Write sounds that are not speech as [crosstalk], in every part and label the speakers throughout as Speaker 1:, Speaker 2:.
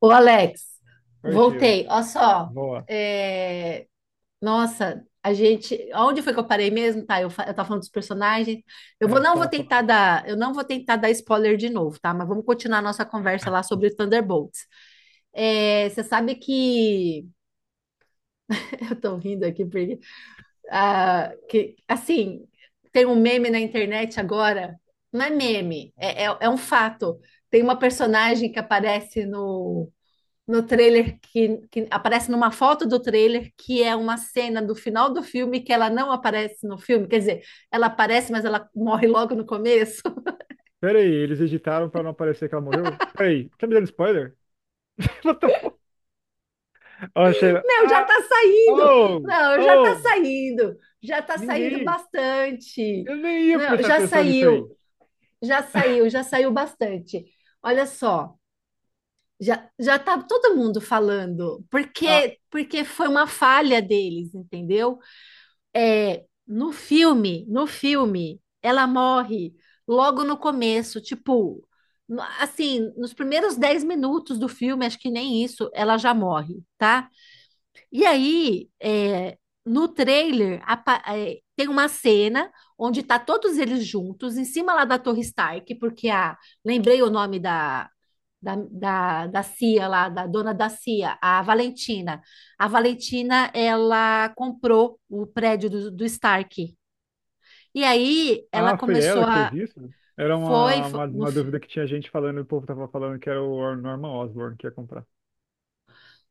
Speaker 1: Ô, Alex,
Speaker 2: Oi, Sheila.
Speaker 1: voltei. Olha só,
Speaker 2: Boa.
Speaker 1: é, nossa, onde foi que eu parei mesmo? Tá, eu tava falando dos personagens.
Speaker 2: É, você
Speaker 1: Não vou
Speaker 2: tava
Speaker 1: tentar
Speaker 2: falando.
Speaker 1: dar, eu não vou tentar dar spoiler de novo, tá? Mas vamos continuar a nossa conversa lá sobre Thunderbolts. É, você sabe que [laughs] eu tô rindo aqui porque, assim, tem um meme na internet agora. Não é meme, é um fato. Tem uma personagem que aparece no trailer que aparece numa foto do trailer que é uma cena do final do filme que ela não aparece no filme, quer dizer, ela aparece, mas ela morre logo no começo. [laughs]
Speaker 2: Pera aí, eles editaram pra não aparecer que ela morreu? Pera aí, tá me dando spoiler? [laughs] What the fuck? Ó, Sheila.
Speaker 1: Meu, já tá saindo.
Speaker 2: Oh,
Speaker 1: Não, já tá
Speaker 2: oh,
Speaker 1: saindo. Já tá saindo
Speaker 2: ninguém.
Speaker 1: bastante.
Speaker 2: Eu nem ia
Speaker 1: Não,
Speaker 2: prestar
Speaker 1: já
Speaker 2: atenção nisso aí.
Speaker 1: saiu. Já saiu, já
Speaker 2: [laughs]
Speaker 1: saiu bastante. Olha só, já tá todo mundo falando,
Speaker 2: Ah,
Speaker 1: porque foi uma falha deles, entendeu? É, no filme, ela morre logo no começo, tipo, assim, nos primeiros 10 minutos do filme, acho que nem isso, ela já morre, tá? E aí, é, no trailer, tem uma cena onde tá todos eles juntos, em cima lá da Torre Stark, porque a, lembrei o nome da CIA lá, da dona da CIA, a Valentina. A Valentina, ela comprou o prédio do Stark. E aí, ela
Speaker 2: foi
Speaker 1: começou
Speaker 2: ela que fez
Speaker 1: a,
Speaker 2: isso? Era
Speaker 1: foi, fo- no,
Speaker 2: uma dúvida que tinha gente falando. O povo tava falando que era o Norman Osborn que ia comprar.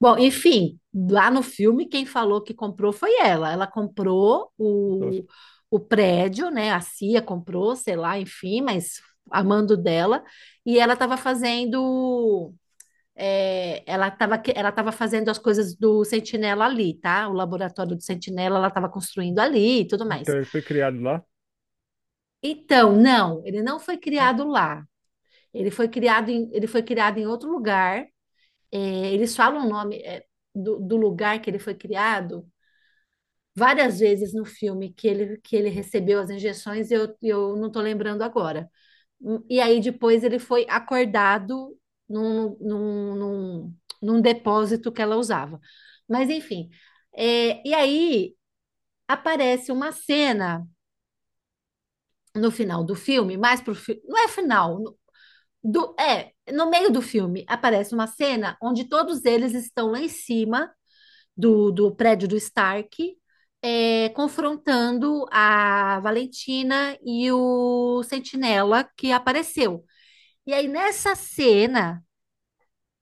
Speaker 1: bom, enfim, lá no filme, quem falou que comprou foi ela. Ela comprou
Speaker 2: Então,
Speaker 1: o prédio, né? A CIA comprou, sei lá, enfim, mas a mando dela. E ela estava fazendo. É, ela tava fazendo as coisas do Sentinela ali, tá? O laboratório do Sentinela ela estava construindo ali e tudo mais.
Speaker 2: então ele foi criado lá.
Speaker 1: Então, não, ele não foi
Speaker 2: Ah,
Speaker 1: criado lá. Ele foi criado em outro lugar. É, eles falam o nome é, do lugar que ele foi criado várias vezes no filme que ele recebeu as injeções, e eu não estou lembrando agora. E aí depois ele foi acordado num, num, num, num depósito que ela usava. Mas enfim, é, e aí aparece uma cena no final do filme, mais pro filme, não é final, no meio do filme aparece uma cena onde todos eles estão lá em cima do prédio do Stark, é, confrontando a Valentina e o Sentinela que apareceu. E aí, nessa cena,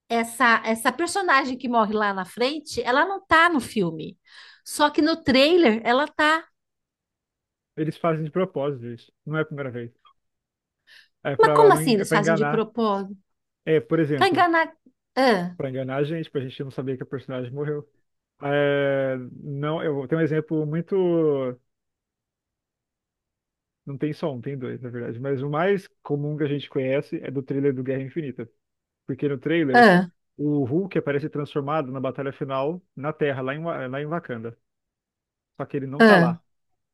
Speaker 1: essa personagem que morre lá na frente, ela não tá no filme. Só que no trailer ela tá.
Speaker 2: eles fazem de propósito isso. Não é a primeira vez. É
Speaker 1: Mas
Speaker 2: pra,
Speaker 1: como
Speaker 2: não
Speaker 1: assim
Speaker 2: en- é
Speaker 1: eles
Speaker 2: pra
Speaker 1: fazem de
Speaker 2: enganar.
Speaker 1: propósito?
Speaker 2: É, por
Speaker 1: Pra
Speaker 2: exemplo.
Speaker 1: enganar. Ah,
Speaker 2: Pra enganar a gente, pra gente não saber que a personagem morreu. É, não, eu tenho um exemplo muito. Não tem só um, tem dois, na verdade. Mas o mais comum que a gente conhece é do trailer do Guerra Infinita. Porque no trailer,
Speaker 1: ah,
Speaker 2: o Hulk aparece transformado na batalha final na Terra, lá em Wakanda. Só que ele não tá
Speaker 1: ah.
Speaker 2: lá.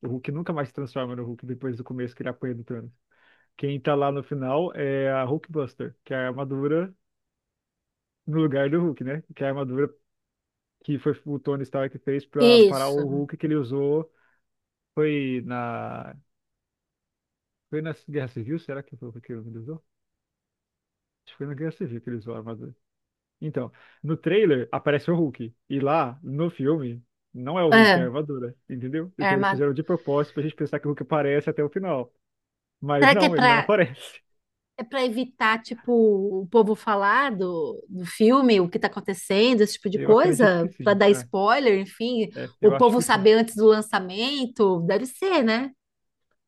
Speaker 2: O Hulk nunca mais se transforma no Hulk depois do começo que ele apanha do Thanos. Quem tá lá no final é a Hulkbuster, que é a armadura no lugar do Hulk, né? Que é a armadura que foi o Tony Stark fez pra parar
Speaker 1: Isso.
Speaker 2: o Hulk que ele usou. Foi na. Foi na Guerra Civil? Será que foi o que ele usou? Acho que foi na Guerra Civil que ele usou a armadura. Então, no trailer aparece o Hulk. E lá, no filme, não é o Hulk, é a
Speaker 1: Ah,
Speaker 2: armadura. Entendeu?
Speaker 1: é
Speaker 2: Então eles
Speaker 1: armado.
Speaker 2: fizeram de propósito pra gente pensar que o Hulk aparece até o final. Mas
Speaker 1: Será que é
Speaker 2: não, ele
Speaker 1: pra.
Speaker 2: não [laughs] aparece.
Speaker 1: É para evitar, tipo, o povo falar do filme, o que tá acontecendo, esse tipo de
Speaker 2: Eu acredito
Speaker 1: coisa,
Speaker 2: que
Speaker 1: para
Speaker 2: sim.
Speaker 1: dar
Speaker 2: É,
Speaker 1: spoiler, enfim,
Speaker 2: é,
Speaker 1: o
Speaker 2: eu acho
Speaker 1: povo
Speaker 2: que sim.
Speaker 1: saber antes do lançamento, deve ser, né?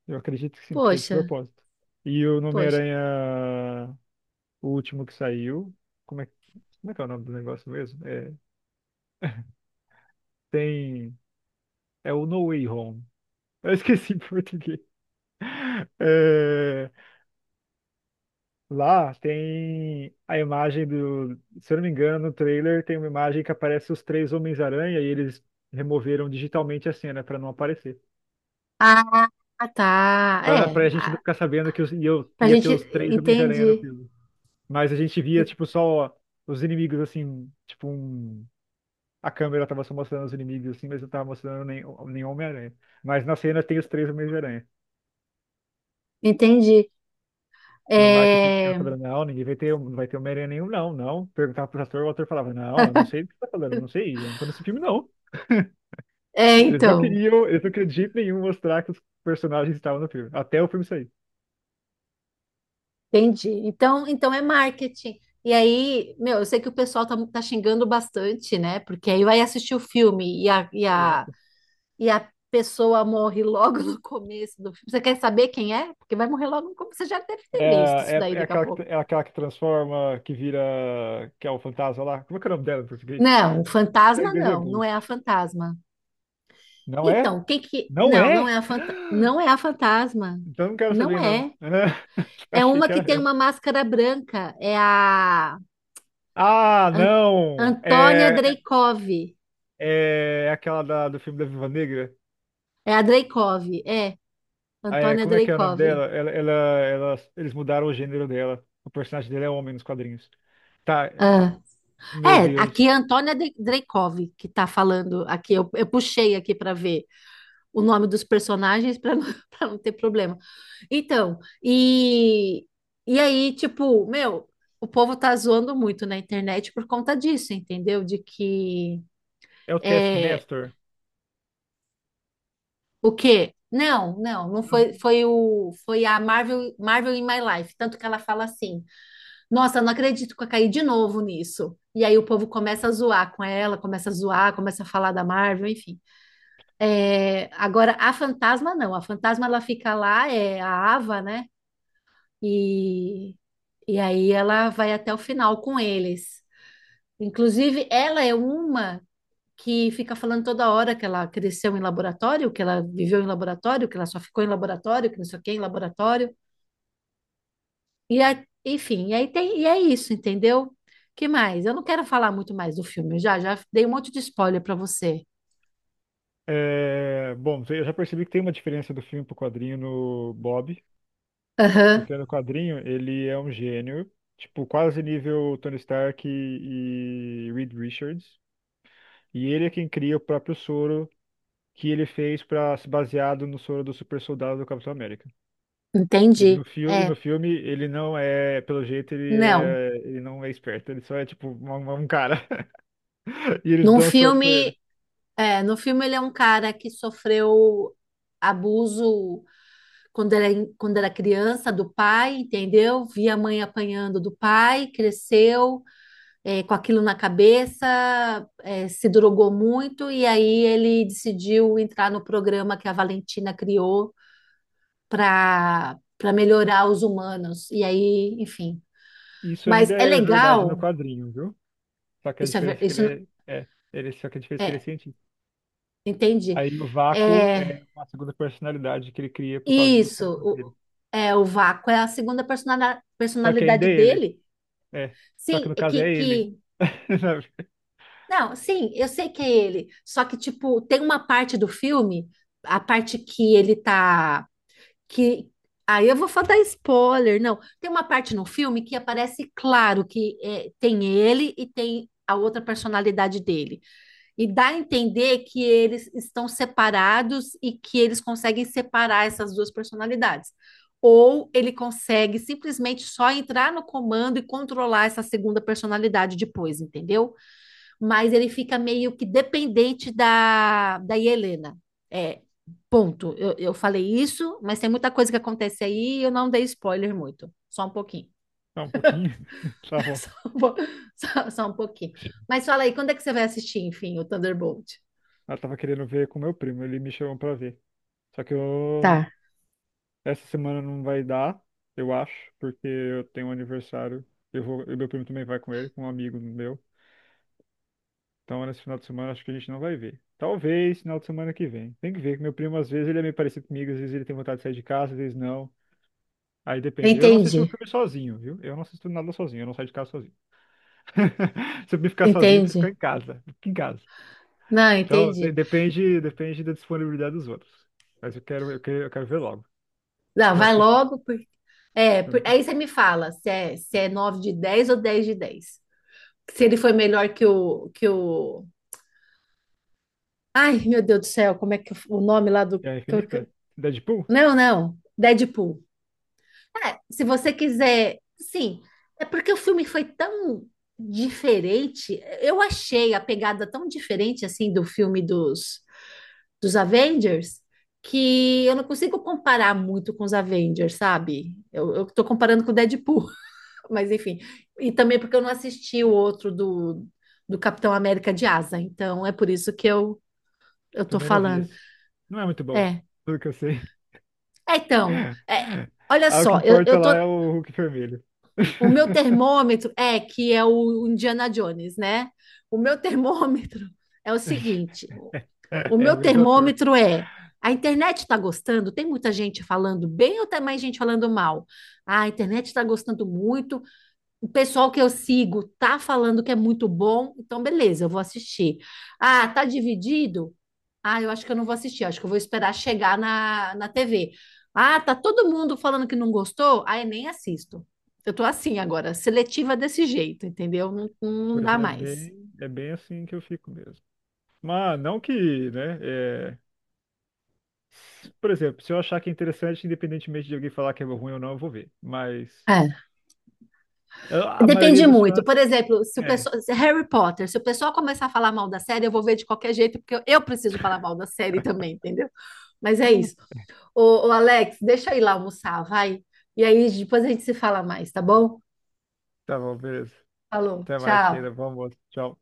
Speaker 2: Eu acredito que sim, que é de
Speaker 1: Poxa,
Speaker 2: propósito. E o
Speaker 1: poxa.
Speaker 2: Homem-Aranha, o último que saiu. Como é, como é que é o nome do negócio mesmo? É, tem. É o No Way Home. Eu esqueci [laughs] em português. É, lá tem a imagem do. Se eu não me engano, no trailer tem uma imagem que aparece os três Homens-Aranha e eles removeram digitalmente a cena pra não aparecer.
Speaker 1: Ah, tá. É,
Speaker 2: Pra gente não
Speaker 1: ah,
Speaker 2: ficar sabendo que eu
Speaker 1: a
Speaker 2: ia ter
Speaker 1: gente
Speaker 2: os três Homens-Aranha no
Speaker 1: entende,
Speaker 2: filme. Mas a gente via, tipo, só os inimigos assim. Tipo, um. A câmera tava só mostrando os inimigos assim, mas não tava mostrando nem, nenhum Homem-Aranha. Mas na cena tem os três Homens-Aranha.
Speaker 1: entende.
Speaker 2: Que no marketing fica
Speaker 1: É,
Speaker 2: falando, não, ninguém vai ter, não vai ter Homem-Aranha nenhum, não, não. Perguntava pro ator, o ator falava, não, eu não sei do que você tá falando, eu não sei, eu não tô nesse filme, não.
Speaker 1: é, então,
Speaker 2: Eles não queriam de jeito nenhum mostrar que os personagens estavam no filme, até o filme sair.
Speaker 1: entendi. Então, então é marketing. E aí, meu, eu sei que o pessoal tá xingando bastante, né? Porque aí vai assistir o filme e a, e
Speaker 2: Ô,
Speaker 1: a
Speaker 2: louco.
Speaker 1: e a pessoa morre logo no começo do filme. Você quer saber quem é? Porque vai morrer logo no começo. Você já deve ter visto isso daí daqui a pouco.
Speaker 2: É aquela que transforma, que vira, que é o fantasma lá. Como é que é o nome dela em português?
Speaker 1: Não,
Speaker 2: Em
Speaker 1: fantasma
Speaker 2: inglês é
Speaker 1: não, não é a
Speaker 2: Ghost.
Speaker 1: fantasma.
Speaker 2: Não é?
Speaker 1: Então, quem que que.
Speaker 2: Não
Speaker 1: Não, não
Speaker 2: é?
Speaker 1: é a fanta...
Speaker 2: [gasps]
Speaker 1: não é a fantasma.
Speaker 2: Então não quero
Speaker 1: Não
Speaker 2: saber, não.
Speaker 1: é.
Speaker 2: [laughs]
Speaker 1: É
Speaker 2: Achei
Speaker 1: uma
Speaker 2: que
Speaker 1: que
Speaker 2: era
Speaker 1: tem
Speaker 2: ela.
Speaker 1: uma máscara branca. É a
Speaker 2: Ah,
Speaker 1: An-
Speaker 2: não!
Speaker 1: Antônia
Speaker 2: É
Speaker 1: Dreikov.
Speaker 2: é aquela do filme da Viva Negra.
Speaker 1: É a Dreikov, é.
Speaker 2: Ah, é,
Speaker 1: Antônia
Speaker 2: como é que é o nome
Speaker 1: Dreikov.
Speaker 2: dela? Eles mudaram o gênero dela. O personagem dela é homem nos quadrinhos. Tá, é,
Speaker 1: Ah.
Speaker 2: meu
Speaker 1: É, aqui
Speaker 2: Deus.
Speaker 1: é a Dreikov que tá falando aqui. Eu puxei aqui para ver o nome dos personagens para não, [laughs] pra não ter problema. Então, e aí, tipo, meu, o povo tá zoando muito na internet por conta disso, entendeu? De que
Speaker 2: É o
Speaker 1: é,
Speaker 2: Taskmaster?
Speaker 1: o quê? Não, não, não foi, foi o, foi a Marvel, Marvel in My Life, tanto que ela fala assim: "Nossa, não acredito que eu caí de novo nisso". E aí o povo começa a zoar com ela, começa a zoar, começa a falar da Marvel, enfim. É, agora a fantasma não, a fantasma ela fica lá, é a Ava, né? E, e aí ela vai até o final com eles. Inclusive, ela é uma que fica falando toda hora que ela cresceu em laboratório, que ela viveu em laboratório, que ela só ficou em laboratório, que não sei o que, em laboratório. Enfim, e aí tem, e é isso, entendeu? Que mais? Eu não quero falar muito mais do filme, eu já dei um monte de spoiler para você.
Speaker 2: É, bom, eu já percebi que tem uma diferença do filme pro quadrinho no Bob,
Speaker 1: Aham,
Speaker 2: porque no quadrinho ele é um gênio, tipo, quase nível Tony Stark e Reed Richards. E ele é quem cria o próprio soro que ele fez para se baseado no soro do super soldado do Capitão América.
Speaker 1: entendi.
Speaker 2: E no
Speaker 1: É,
Speaker 2: filme ele não é, pelo jeito, ele,
Speaker 1: não.
Speaker 2: é, ele não é esperto, ele só é tipo um cara. [laughs] E eles
Speaker 1: Num
Speaker 2: dão soco pra ele.
Speaker 1: filme, é, no filme ele é um cara que sofreu abuso quando era, quando era criança, do pai, entendeu? Via a mãe apanhando do pai, cresceu é, com aquilo na cabeça, é, se drogou muito, e aí ele decidiu entrar no programa que a Valentina criou para melhorar os humanos. E aí, enfim.
Speaker 2: Isso
Speaker 1: Mas
Speaker 2: ainda
Speaker 1: é
Speaker 2: é verdade no
Speaker 1: legal,
Speaker 2: quadrinho, viu? Só que a
Speaker 1: isso é,
Speaker 2: diferença
Speaker 1: ver-
Speaker 2: é que
Speaker 1: isso n-
Speaker 2: ele é, é ele, só que a diferença é que ele é
Speaker 1: é,
Speaker 2: cientista.
Speaker 1: entendi.
Speaker 2: Aí o Vácuo
Speaker 1: É,
Speaker 2: é uma segunda personalidade que ele cria por causa dos
Speaker 1: isso,
Speaker 2: tambores
Speaker 1: o,
Speaker 2: dele.
Speaker 1: é, o Vácuo é a segunda
Speaker 2: Só que ainda
Speaker 1: personalidade
Speaker 2: é ele.
Speaker 1: dele.
Speaker 2: É. Só que
Speaker 1: Sim,
Speaker 2: no
Speaker 1: é
Speaker 2: caso
Speaker 1: que,
Speaker 2: é ele.
Speaker 1: que
Speaker 2: [laughs] Sabe?
Speaker 1: não, sim, eu sei que é ele. Só que, tipo, tem uma parte do filme, a parte que ele tá. Que... Aí eu vou só dar spoiler, não. Tem uma parte no filme que aparece claro que é, tem ele e tem a outra personalidade dele. E dá a entender que eles estão separados e que eles conseguem separar essas duas personalidades. Ou ele consegue simplesmente só entrar no comando e controlar essa segunda personalidade depois, entendeu? Mas ele fica meio que dependente da Helena. É, ponto. Eu falei isso, mas tem muita coisa que acontece aí e eu não dei spoiler muito. Só um pouquinho.
Speaker 2: Só um pouquinho. [laughs] Tá
Speaker 1: [laughs]
Speaker 2: bom.
Speaker 1: Só um, po- só um pouquinho. Mas fala aí, quando é que você vai assistir, enfim, o Thunderbolt?
Speaker 2: Eu tava querendo ver com meu primo, ele me chamou pra ver. Só que eu
Speaker 1: Tá,
Speaker 2: Essa semana não vai dar, eu acho, porque eu tenho um aniversário. Eu vou, e meu primo também vai com ele, com um amigo meu. Então, nesse final de semana, acho que a gente não vai ver. Talvez final de semana que vem. Tem que ver, que meu primo, às vezes, ele é meio parecido comigo, às vezes ele tem vontade de sair de casa, às vezes não. Aí depende. Eu não assisti o
Speaker 1: entendi,
Speaker 2: filme sozinho, viu? Eu não assisto nada sozinho, eu não saio de casa sozinho. [laughs] Se eu me ficar sozinho, eu prefiro ficar
Speaker 1: entendi.
Speaker 2: em casa. Fica em casa.
Speaker 1: Não,
Speaker 2: Então,
Speaker 1: entendi.
Speaker 2: depende, depende da disponibilidade dos outros. Mas eu quero ver logo.
Speaker 1: Não,
Speaker 2: Que eu acho
Speaker 1: vai
Speaker 2: que esse filme
Speaker 1: logo, porque... É,
Speaker 2: é muito bom.
Speaker 1: aí você me fala se é, se é 9 de 10 ou 10 de 10, se ele foi melhor que o ai, meu Deus do céu, como é que eu- o nome lá do.
Speaker 2: É a Infinita? Deadpool?
Speaker 1: Não, não, Deadpool. Se você quiser. Sim, é porque o filme foi tão diferente. Eu achei a pegada tão diferente assim do filme dos Avengers que eu não consigo comparar muito com os Avengers, sabe? Eu tô comparando com o Deadpool, [laughs] mas enfim. E também porque eu não assisti o outro do Capitão América de Asa, então é por isso que eu tô
Speaker 2: Também não vi
Speaker 1: falando.
Speaker 2: esse. Não é muito bom,
Speaker 1: É.
Speaker 2: pelo que eu sei.
Speaker 1: É, então, é,
Speaker 2: [laughs]
Speaker 1: olha
Speaker 2: Ah, o que
Speaker 1: só,
Speaker 2: importa
Speaker 1: eu tô,
Speaker 2: lá é o Hulk vermelho.
Speaker 1: o meu
Speaker 2: [laughs]
Speaker 1: termômetro é que é o Indiana Jones, né? O meu termômetro [laughs] é o seguinte: o
Speaker 2: É
Speaker 1: meu
Speaker 2: o mesmo ator.
Speaker 1: termômetro é a internet está gostando, tem muita gente falando bem ou tem mais gente falando mal? Ah, a internet está gostando muito, o pessoal que eu sigo tá falando que é muito bom, então beleza, eu vou assistir. Ah, tá dividido? Ah, eu acho que eu não vou assistir, eu acho que eu vou esperar chegar na, na TV. Ah, tá todo mundo falando que não gostou? Ah, eu nem assisto. Eu tô assim agora, seletiva desse jeito, entendeu? Não, não
Speaker 2: Pois
Speaker 1: dá mais.
Speaker 2: é bem assim que eu fico mesmo. Mas não que, né? É, por exemplo, se eu achar que é interessante, independentemente de alguém falar que é ruim ou não, eu vou ver. Mas
Speaker 1: É.
Speaker 2: a maioria
Speaker 1: Depende
Speaker 2: dos
Speaker 1: muito.
Speaker 2: fãs.
Speaker 1: Por exemplo, se o
Speaker 2: É.
Speaker 1: pessoal, se Harry Potter, se o pessoal começar a falar mal da série, eu vou ver de qualquer jeito, porque eu preciso falar mal da série também, entendeu? Mas é isso. Ô, Alex, deixa eu ir lá almoçar, vai. E aí depois a gente se fala mais, tá bom?
Speaker 2: Tá bom, beleza.
Speaker 1: Falou,
Speaker 2: Até mais, Sheila.
Speaker 1: tchau.
Speaker 2: Bom almoço. Tchau.